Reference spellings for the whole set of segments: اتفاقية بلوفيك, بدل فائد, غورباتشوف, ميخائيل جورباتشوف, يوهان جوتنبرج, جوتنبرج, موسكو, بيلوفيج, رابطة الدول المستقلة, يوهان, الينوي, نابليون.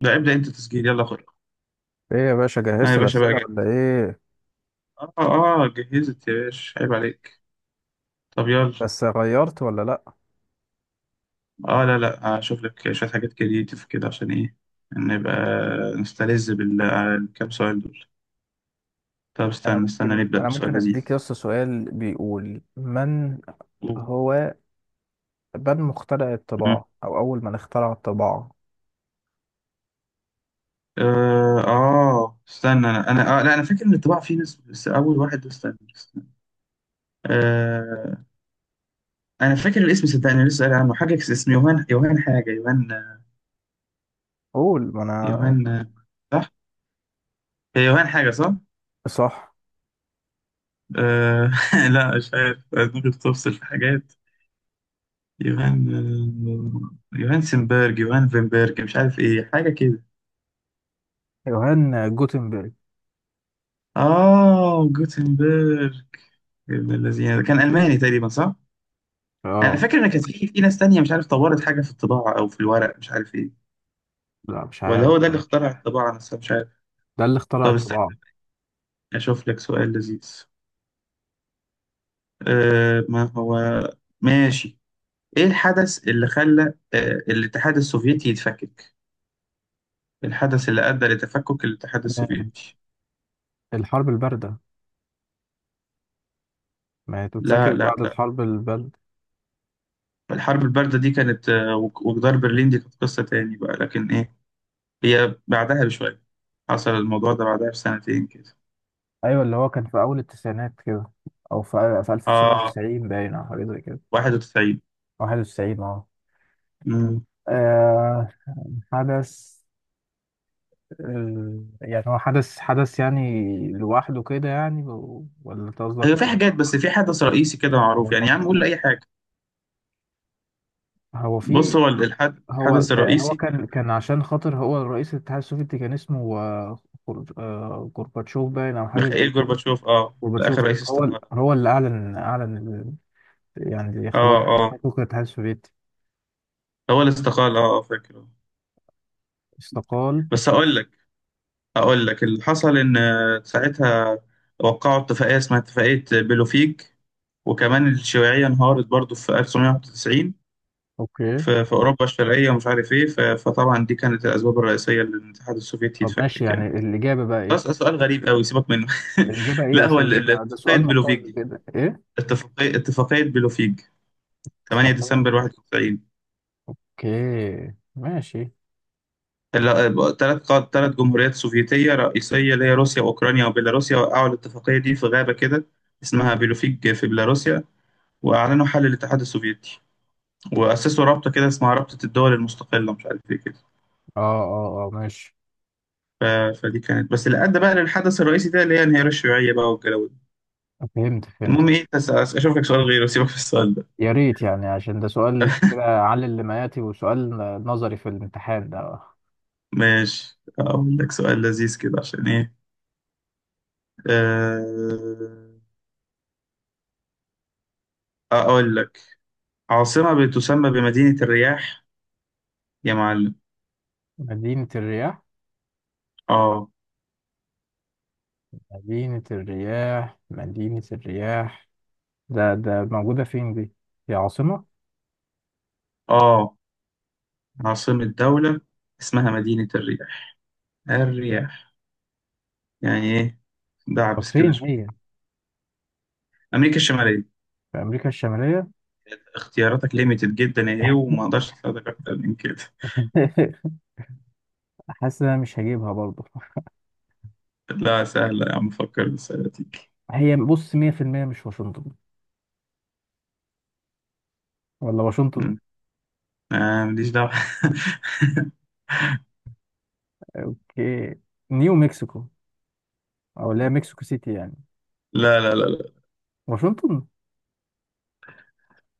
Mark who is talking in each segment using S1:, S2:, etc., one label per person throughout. S1: لا، ابدأ انت تسجيل، يلا خد.
S2: ايه يا باشا،
S1: اه يا
S2: جهزت
S1: باشا، بقى
S2: الأسئلة ولا
S1: جاهز.
S2: ايه؟
S1: اه جهزت يا باشا، عيب عليك. طب يلا.
S2: بس غيرت ولا لأ؟
S1: اه، لا، لا، هشوف لك شوية حاجات كريتيف كده عشان ايه. نبقى نستلذ بالكام سؤال دول. طب،
S2: انا
S1: استنى استنى
S2: ممكن
S1: نبدأ
S2: انا
S1: بسؤال
S2: ممكن
S1: لذيذ.
S2: اديك يس سؤال بيقول من
S1: قول.
S2: هو، من مخترع
S1: مم.
S2: الطباعة او اول من اخترع الطباعة؟
S1: استنى انا لا، انا فاكر ان الطباعة فيه ناس، بس اول واحد ده، استنى استنى. آه. انا فاكر الاسم، صدقني لسه قايل عنه حاجة، اسمه يوهان، يوهان حاجة، يوهان.
S2: قول ما انا
S1: يوهان، صح؟ هي يوهان حاجة، صح؟
S2: صح.
S1: آه. لا، مش عارف، دماغي بتفصل في حاجات. يوهان. يوهان سنبرج، يوهان فينبرج، مش عارف ايه، حاجة كده.
S2: يوهان جوتنبرج.
S1: اه، جوتنبرج. ابن الذين ده كان ألماني تقريبا، صح؟ أنا
S2: اه.
S1: فاكر إن كانت في ناس تانية، مش عارف، طورت حاجة في الطباعة أو في الورق، مش عارف إيه.
S2: لا مش
S1: ولا
S2: عارف
S1: هو ده اللي
S2: بصراحة.
S1: اخترع الطباعة نفسها، مش عارف.
S2: ده اللي اخترع
S1: طب استنى،
S2: الطباعة.
S1: أشوف لك سؤال لذيذ. ما هو. ماشي. إيه الحدث اللي خلى أه الاتحاد السوفيتي يتفكك؟ الحدث اللي أدى لتفكك الاتحاد
S2: آه،
S1: السوفيتي.
S2: الحرب الباردة. ما هي تتفكك
S1: لا، لا،
S2: بعد
S1: لا.
S2: الحرب الباردة.
S1: الحرب الباردة دي كانت، وجدار برلين دي كانت قصة تاني بقى، لكن إيه، هي بعدها بشوية. حصل الموضوع ده بعدها بسنتين كده.
S2: ايوه، اللي هو كان في اول التسعينات كده، او في
S1: آه،
S2: 1990 باين او حاجة زي كده.
S1: 91.
S2: 91 اه.
S1: مم.
S2: آه، حدث آه، يعني هو حدث حدث يعني لوحده كده يعني، ولا أنت
S1: هي في
S2: قصدك؟
S1: حاجات، بس في حدث رئيسي كده معروف،
S2: ولا
S1: يعني يا عم قول لي
S2: قصدك-
S1: أي حاجة.
S2: هو
S1: بص،
S2: في
S1: هو
S2: هو
S1: الحدث
S2: تا- هو
S1: الرئيسي كان
S2: كان عشان خاطر هو الرئيس الاتحاد السوفيتي كان اسمه غورباتشوف باين او حاجه زي
S1: ميخائيل
S2: كده.
S1: جورباتشوف، ده آخر
S2: غورباتشوف
S1: رئيس
S2: هو
S1: استقال.
S2: هو اللي اعلن يعني خلاص،
S1: آه، آه.
S2: حقوق الاتحاد السوفيتي.
S1: هو اللي استقال، فاكر.
S2: استقال.
S1: بس هقول لك، أقول لك اللي حصل، إن ساعتها وقعوا اتفاقية اسمها اتفاقية بلوفيك. وكمان الشيوعية انهارت برضو في 1991،
S2: اوكي.
S1: في أوروبا الشرقية، ومش عارف إيه، فطبعا دي كانت الأسباب الرئيسية للاتحاد السوفيتي
S2: طب ماشي،
S1: يتفكك
S2: يعني
S1: يعني.
S2: الاجابه بقى
S1: بس
S2: ايه؟
S1: سؤال غريب أوي، سيبك منه.
S2: الاجابه ايه
S1: لا، هو
S2: اصلا؟ ده
S1: اتفاقية
S2: سؤال
S1: بلوفيك
S2: مقالي
S1: دي،
S2: كده، ايه.
S1: اتفاقية بلوفيك، 8 ديسمبر 91.
S2: اوكي ماشي.
S1: ثلاث ثلاث جمهوريات سوفيتية رئيسية، اللي هي روسيا وأوكرانيا وبيلاروسيا، وقعوا الاتفاقية دي في غابة كده، اسمها بيلوفيج في بيلاروسيا، وأعلنوا حل الاتحاد السوفيتي، وأسسوا رابطة كده اسمها رابطة الدول المستقلة، مش عارف إيه كده.
S2: اه ماشي.
S1: ف... فدي كانت بس اللي أدى بقى للحدث الرئيسي ده، اللي هي انهيار الشيوعية بقى والجو ده.
S2: فهمت.
S1: المهم إيه، أشوف لك سؤال غيره، سيبك في السؤال ده.
S2: يا ريت يعني، عشان ده سؤال كده علل اللي، وسؤال نظري في الامتحان ده.
S1: ماشي، أقول لك سؤال لذيذ كده عشان إيه. أه... أقول لك، عاصمة بتسمى بمدينة الرياح، يا معلم.
S2: مدينة الرياح؟
S1: آه.
S2: مدينة الرياح. ده موجودة فين دي؟ هي عاصمة؟
S1: آه، عاصمة دولة، اسمها مدينة الرياح. الرياح، يعني إيه،
S2: طب
S1: دعبس
S2: فين
S1: كده شوية.
S2: هي؟
S1: أمريكا الشمالية.
S2: في أمريكا الشمالية؟
S1: اختياراتك ليميتد جدا يا إيه، وما أقدرش أساعدك أكتر من كده.
S2: حاسس إن أنا مش هجيبها برضه.
S1: لا، سهلة يا عم، فكر بالسهلة تيجي.
S2: هي بص 100% مش واشنطن. ولا واشنطن؟
S1: مم. آه، ماليش دعوة.
S2: اوكي، نيو مكسيكو، أو اللي هي مكسيكو سيتي يعني.
S1: لا، لا، لا، لا.
S2: واشنطن؟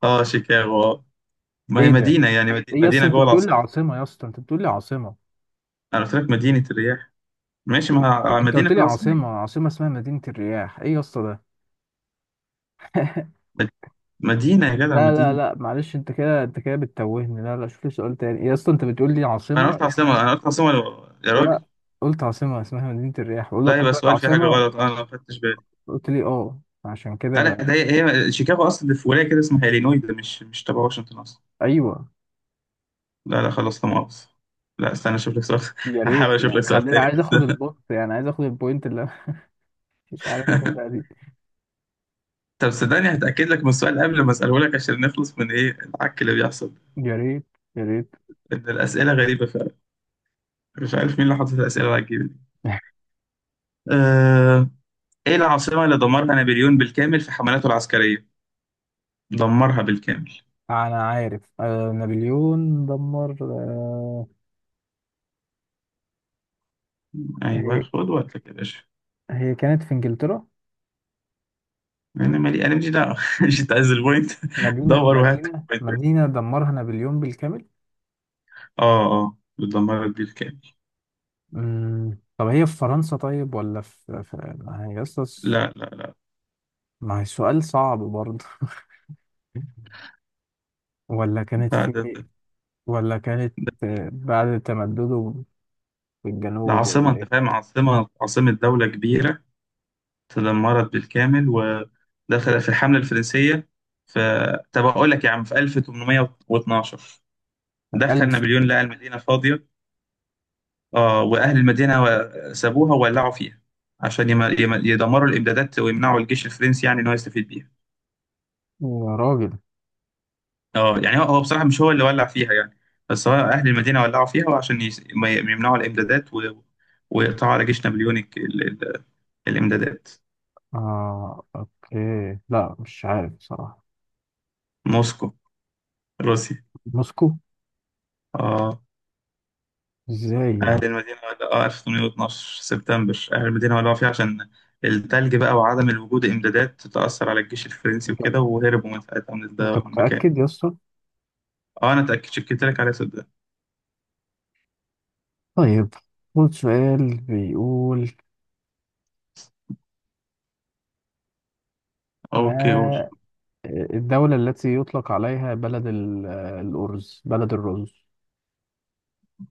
S1: آه، شيكاغو. ما هي
S2: ايه ده!
S1: مدينة، يعني
S2: ايه يا اسطى،
S1: مدينة
S2: انت
S1: جوه
S2: بتقول لي
S1: العاصمة.
S2: عاصمه؟ يا اسطى انت بتقول لي عاصمه!
S1: أنا قلت لك مدينة الرياح. ماشي، ما هي
S2: انت
S1: مدينة
S2: قلت
S1: في
S2: لي
S1: العاصمة.
S2: عاصمه، عاصمه اسمها مدينه الرياح، ايه يا اسطى ده!
S1: مد- مدينة يا جدع،
S2: لا لا
S1: مدينة.
S2: لا معلش، انت كده بتتوهني. لا، شوف لي سؤال تاني. إيه يا اسطى، انت بتقول لي
S1: أنا
S2: عاصمه
S1: قلت عاصمة،
S2: اسمها!
S1: أنا قلت عاصمة، يا
S2: لا،
S1: راجل.
S2: قلت عاصمه اسمها مدينه الرياح، بقول لك
S1: لا،
S2: قلت
S1: يبقى
S2: لك
S1: سؤال في حاجة
S2: عاصمه.
S1: غلط، أنا ما خدتش بالي.
S2: قلت لي اه، عشان كده
S1: لا، لا،
S2: بقى.
S1: ده هي شيكاغو، اصلا في ولايه كده اسمها الينوي، ده مش تبع واشنطن اصلا.
S2: ايوه.
S1: لا، لا، خلاص، لا مؤاخذة. لا، استنى اشوف لك سؤال.
S2: يا ريت
S1: هحاول اشوف
S2: يعني،
S1: لك سؤال
S2: خليني
S1: تاني
S2: عايز اخد
S1: بس.
S2: البوست، يعني عايز اخد البوينت اللي انا. مش عارف اخدها دي.
S1: طب صدقني، هتاكد لك من السؤال قبل ما اساله لك، عشان نخلص من ايه العك اللي بيحصل.
S2: يا ريت، يا ريت.
S1: ان الاسئله غريبه فعلا، مش عارف مين اللي حاطط الاسئله العجيبه دي. أه... ايه العاصمه اللي دمرها نابليون بالكامل في حملاته العسكريه؟ دمرها بالكامل.
S2: انا عارف، آه نابليون دمر، آه.
S1: ايوه،
S2: هي
S1: خد وقتك يا باشا.
S2: هي كانت في انجلترا.
S1: انا مالي، انا مش دعوه. مش عايز البوينت.
S2: مدينة
S1: دور وهات.
S2: مدينة مدينة دمرها نابليون بالكامل.
S1: اه بتدمرك بالكامل.
S2: طب هي في فرنسا طيب، ولا في، ما هي أصلاً،
S1: لا، لا،
S2: ما هي سؤال صعب برضه. ولا كانت
S1: لا،
S2: في، ولا كانت،
S1: ده,
S2: بعد تمدده في
S1: ده
S2: الجنوب
S1: عاصمة،
S2: ولا
S1: انت
S2: ايه؟
S1: فاهم، عاصمة دولة كبيرة، تدمرت بالكامل، ودخل في الحملة الفرنسية. ف طب اقول لك يا عم، في 1812 دخل
S2: ألف.
S1: نابليون، لقى المدينة فاضية. اه، واهل المدينة سابوها وولعوا فيها، عشان يدمروا الامدادات ويمنعوا الجيش الفرنسي، يعني ان هو يستفيد بيها.
S2: يا راجل.
S1: اه، يعني هو بصراحة مش هو اللي ولع فيها يعني، بس هو أهل المدينة ولعوا فيها، وعشان ما يمنعوا الإمدادات ويقطعوا على جيش نابليون ال... الإمدادات.
S2: اه اوكي، لا مش عارف بصراحة.
S1: موسكو، روسيا.
S2: موسكو.
S1: اه.
S2: ازاي
S1: أهل
S2: يعني؟
S1: المدينة ولعوا، 1812 سبتمبر، أهل المدينة ولعوا فيها عشان التلج بقى، وعدم الوجود إمدادات تأثر على الجيش الفرنسي
S2: انت
S1: وكده، وهربوا من ساعتها، من ده
S2: انت
S1: من المكان.
S2: متأكد يا اسطى؟
S1: اه، أنا اتأكد، شكيت لك عليها صدق.
S2: طيب، خد سؤال بيقول:
S1: اوكي، قول.
S2: ما الدولة التي يطلق عليها بلد الأرز، بلد الرز؟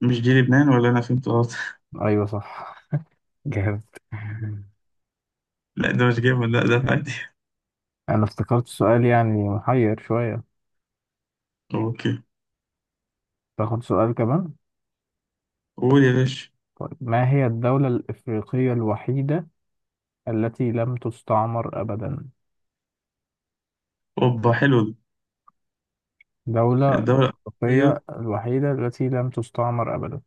S1: مش دي لبنان، ولا أنا فهمت غلط؟
S2: أيوة صح. جامد.
S1: لا، ده مش جبنة، لا ده عادي.
S2: أنا افتكرت سؤال يعني محير شوية.
S1: اوكي.
S2: تاخد سؤال كمان.
S1: قول يا باشا.
S2: طيب، ما هي الدولة الإفريقية الوحيدة التي لم تستعمر أبدا؟
S1: اوبا، حلو ده.
S2: دولة
S1: الدولة الأوروبية.
S2: إفريقية الوحيدة التي لم تستعمر أبدا.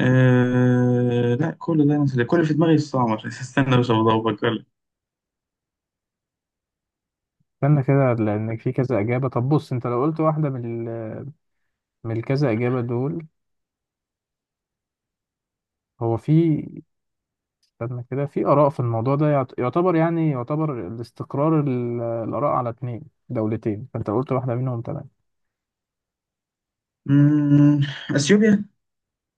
S1: لا، كل ده أنا كل اللي في دماغي الصعب. عشان استنى بس، أبغى أفكر لك.
S2: استنى كده لأن في كذا إجابة. طب بص، أنت لو قلت واحدة من من الكذا إجابة دول. هو في. استنى كده، في آراء في الموضوع ده، يعتبر يعني، يعتبر الاستقرار الآراء على اتنين دولتين، فأنت قلت واحدة منهم تمام.
S1: مم، أثيوبيا،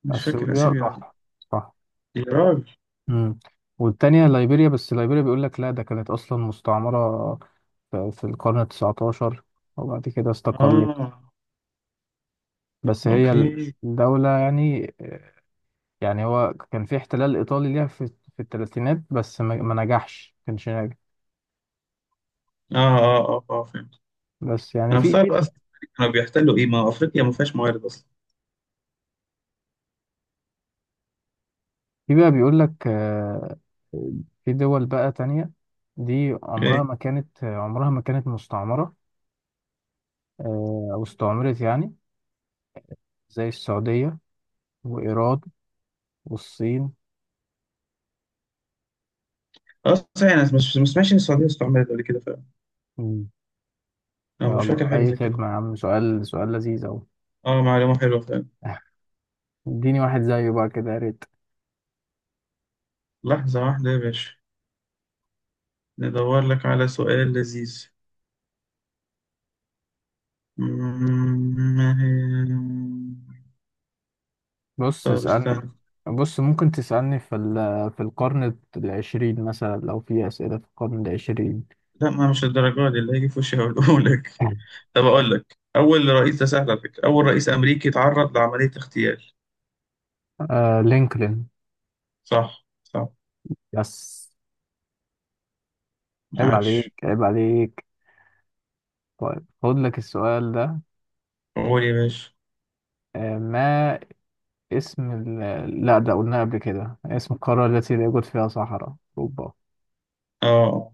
S1: مش فاكر
S2: أثيوبيا
S1: أثيوبيا ولا لأ.
S2: صح، صح.
S1: يا راجل.
S2: امم. والتانية ليبيريا، بس ليبيريا بيقول لك لا، ده كانت أصلا مستعمرة في في القرن التسعتاشر وبعد كده استقلت.
S1: آه.
S2: بس هي
S1: أوكي.
S2: الدولة يعني، يعني هو كان في احتلال إيطالي ليها في في الثلاثينات، بس ما نجحش، ما كانش ناجح.
S1: آه، آه، آه، آه، فهمت.
S2: بس يعني
S1: أنا
S2: في في،
S1: مستغرب أصلا، كانوا بيحتلوا إيه، ما أفريقيا ما فيهاش موارد أصلا.
S2: في بقى بيقول لك في دول بقى تانية دي عمرها
S1: إيه.
S2: ما كانت، عمرها ما كانت مستعمرة. أو استعمرت يعني، زي السعودية وإيران والصين.
S1: أصلا أنا مش سمعتش إن السعودية استعملت قبل كده فعلا.
S2: مم.
S1: أنا مش فاكر
S2: يلا
S1: حاجة
S2: أي
S1: زي كده.
S2: خدمة يا عم، سؤال سؤال لذيذ أهو.
S1: آه، معلومة حلوة فعلا.
S2: اديني واحد زيه بقى كده يا ريت.
S1: لحظة واحدة يا باشا، ندور لك على سؤال لذيذ. ما هي،
S2: بص
S1: طب استنى.
S2: اسألني. بص ممكن تسألني في في القرن العشرين مثلا، لو في أسئلة في القرن العشرين.
S1: لا، ما مش الدرجة دي اللي هيجي في وشي هقوله لك. طب أقول لك، أول رئيس، ده سهل على فكرة، أول رئيس أمريكي تعرض لعملية اغتيال.
S2: آه لينكولن.
S1: صح، صح.
S2: يس. عيب عليك،
S1: عاش.
S2: عيب عليك. طيب خد لك السؤال ده:
S1: قول يا باشا.
S2: ما اسم ال... لا ده قلناه قبل كده اسم القارة التي لا يوجد فيها صحراء؟ أوروبا.
S1: آه،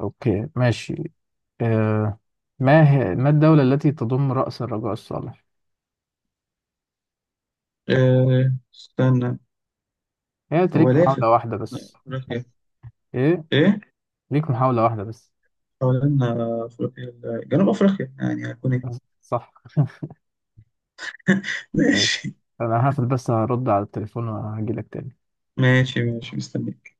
S2: أوكي ماشي. آه، ما الدولة التي تضم رأس الرجاء الصالح؟
S1: آه، استنى.
S2: هي أنت
S1: هو
S2: ليك
S1: لافت.
S2: محاولة واحدة بس.
S1: أفريقيا.
S2: إيه؟
S1: إيه؟
S2: ليك محاولة واحدة بس.
S1: حوالين أفريقيا، جنوب أفريقيا، يعني هكون إيه.
S2: صح. ماشي.
S1: ماشي.
S2: أنا هقفل بس هرد على التليفون وهجيلك تاني.
S1: ماشي، ماشي، مستني.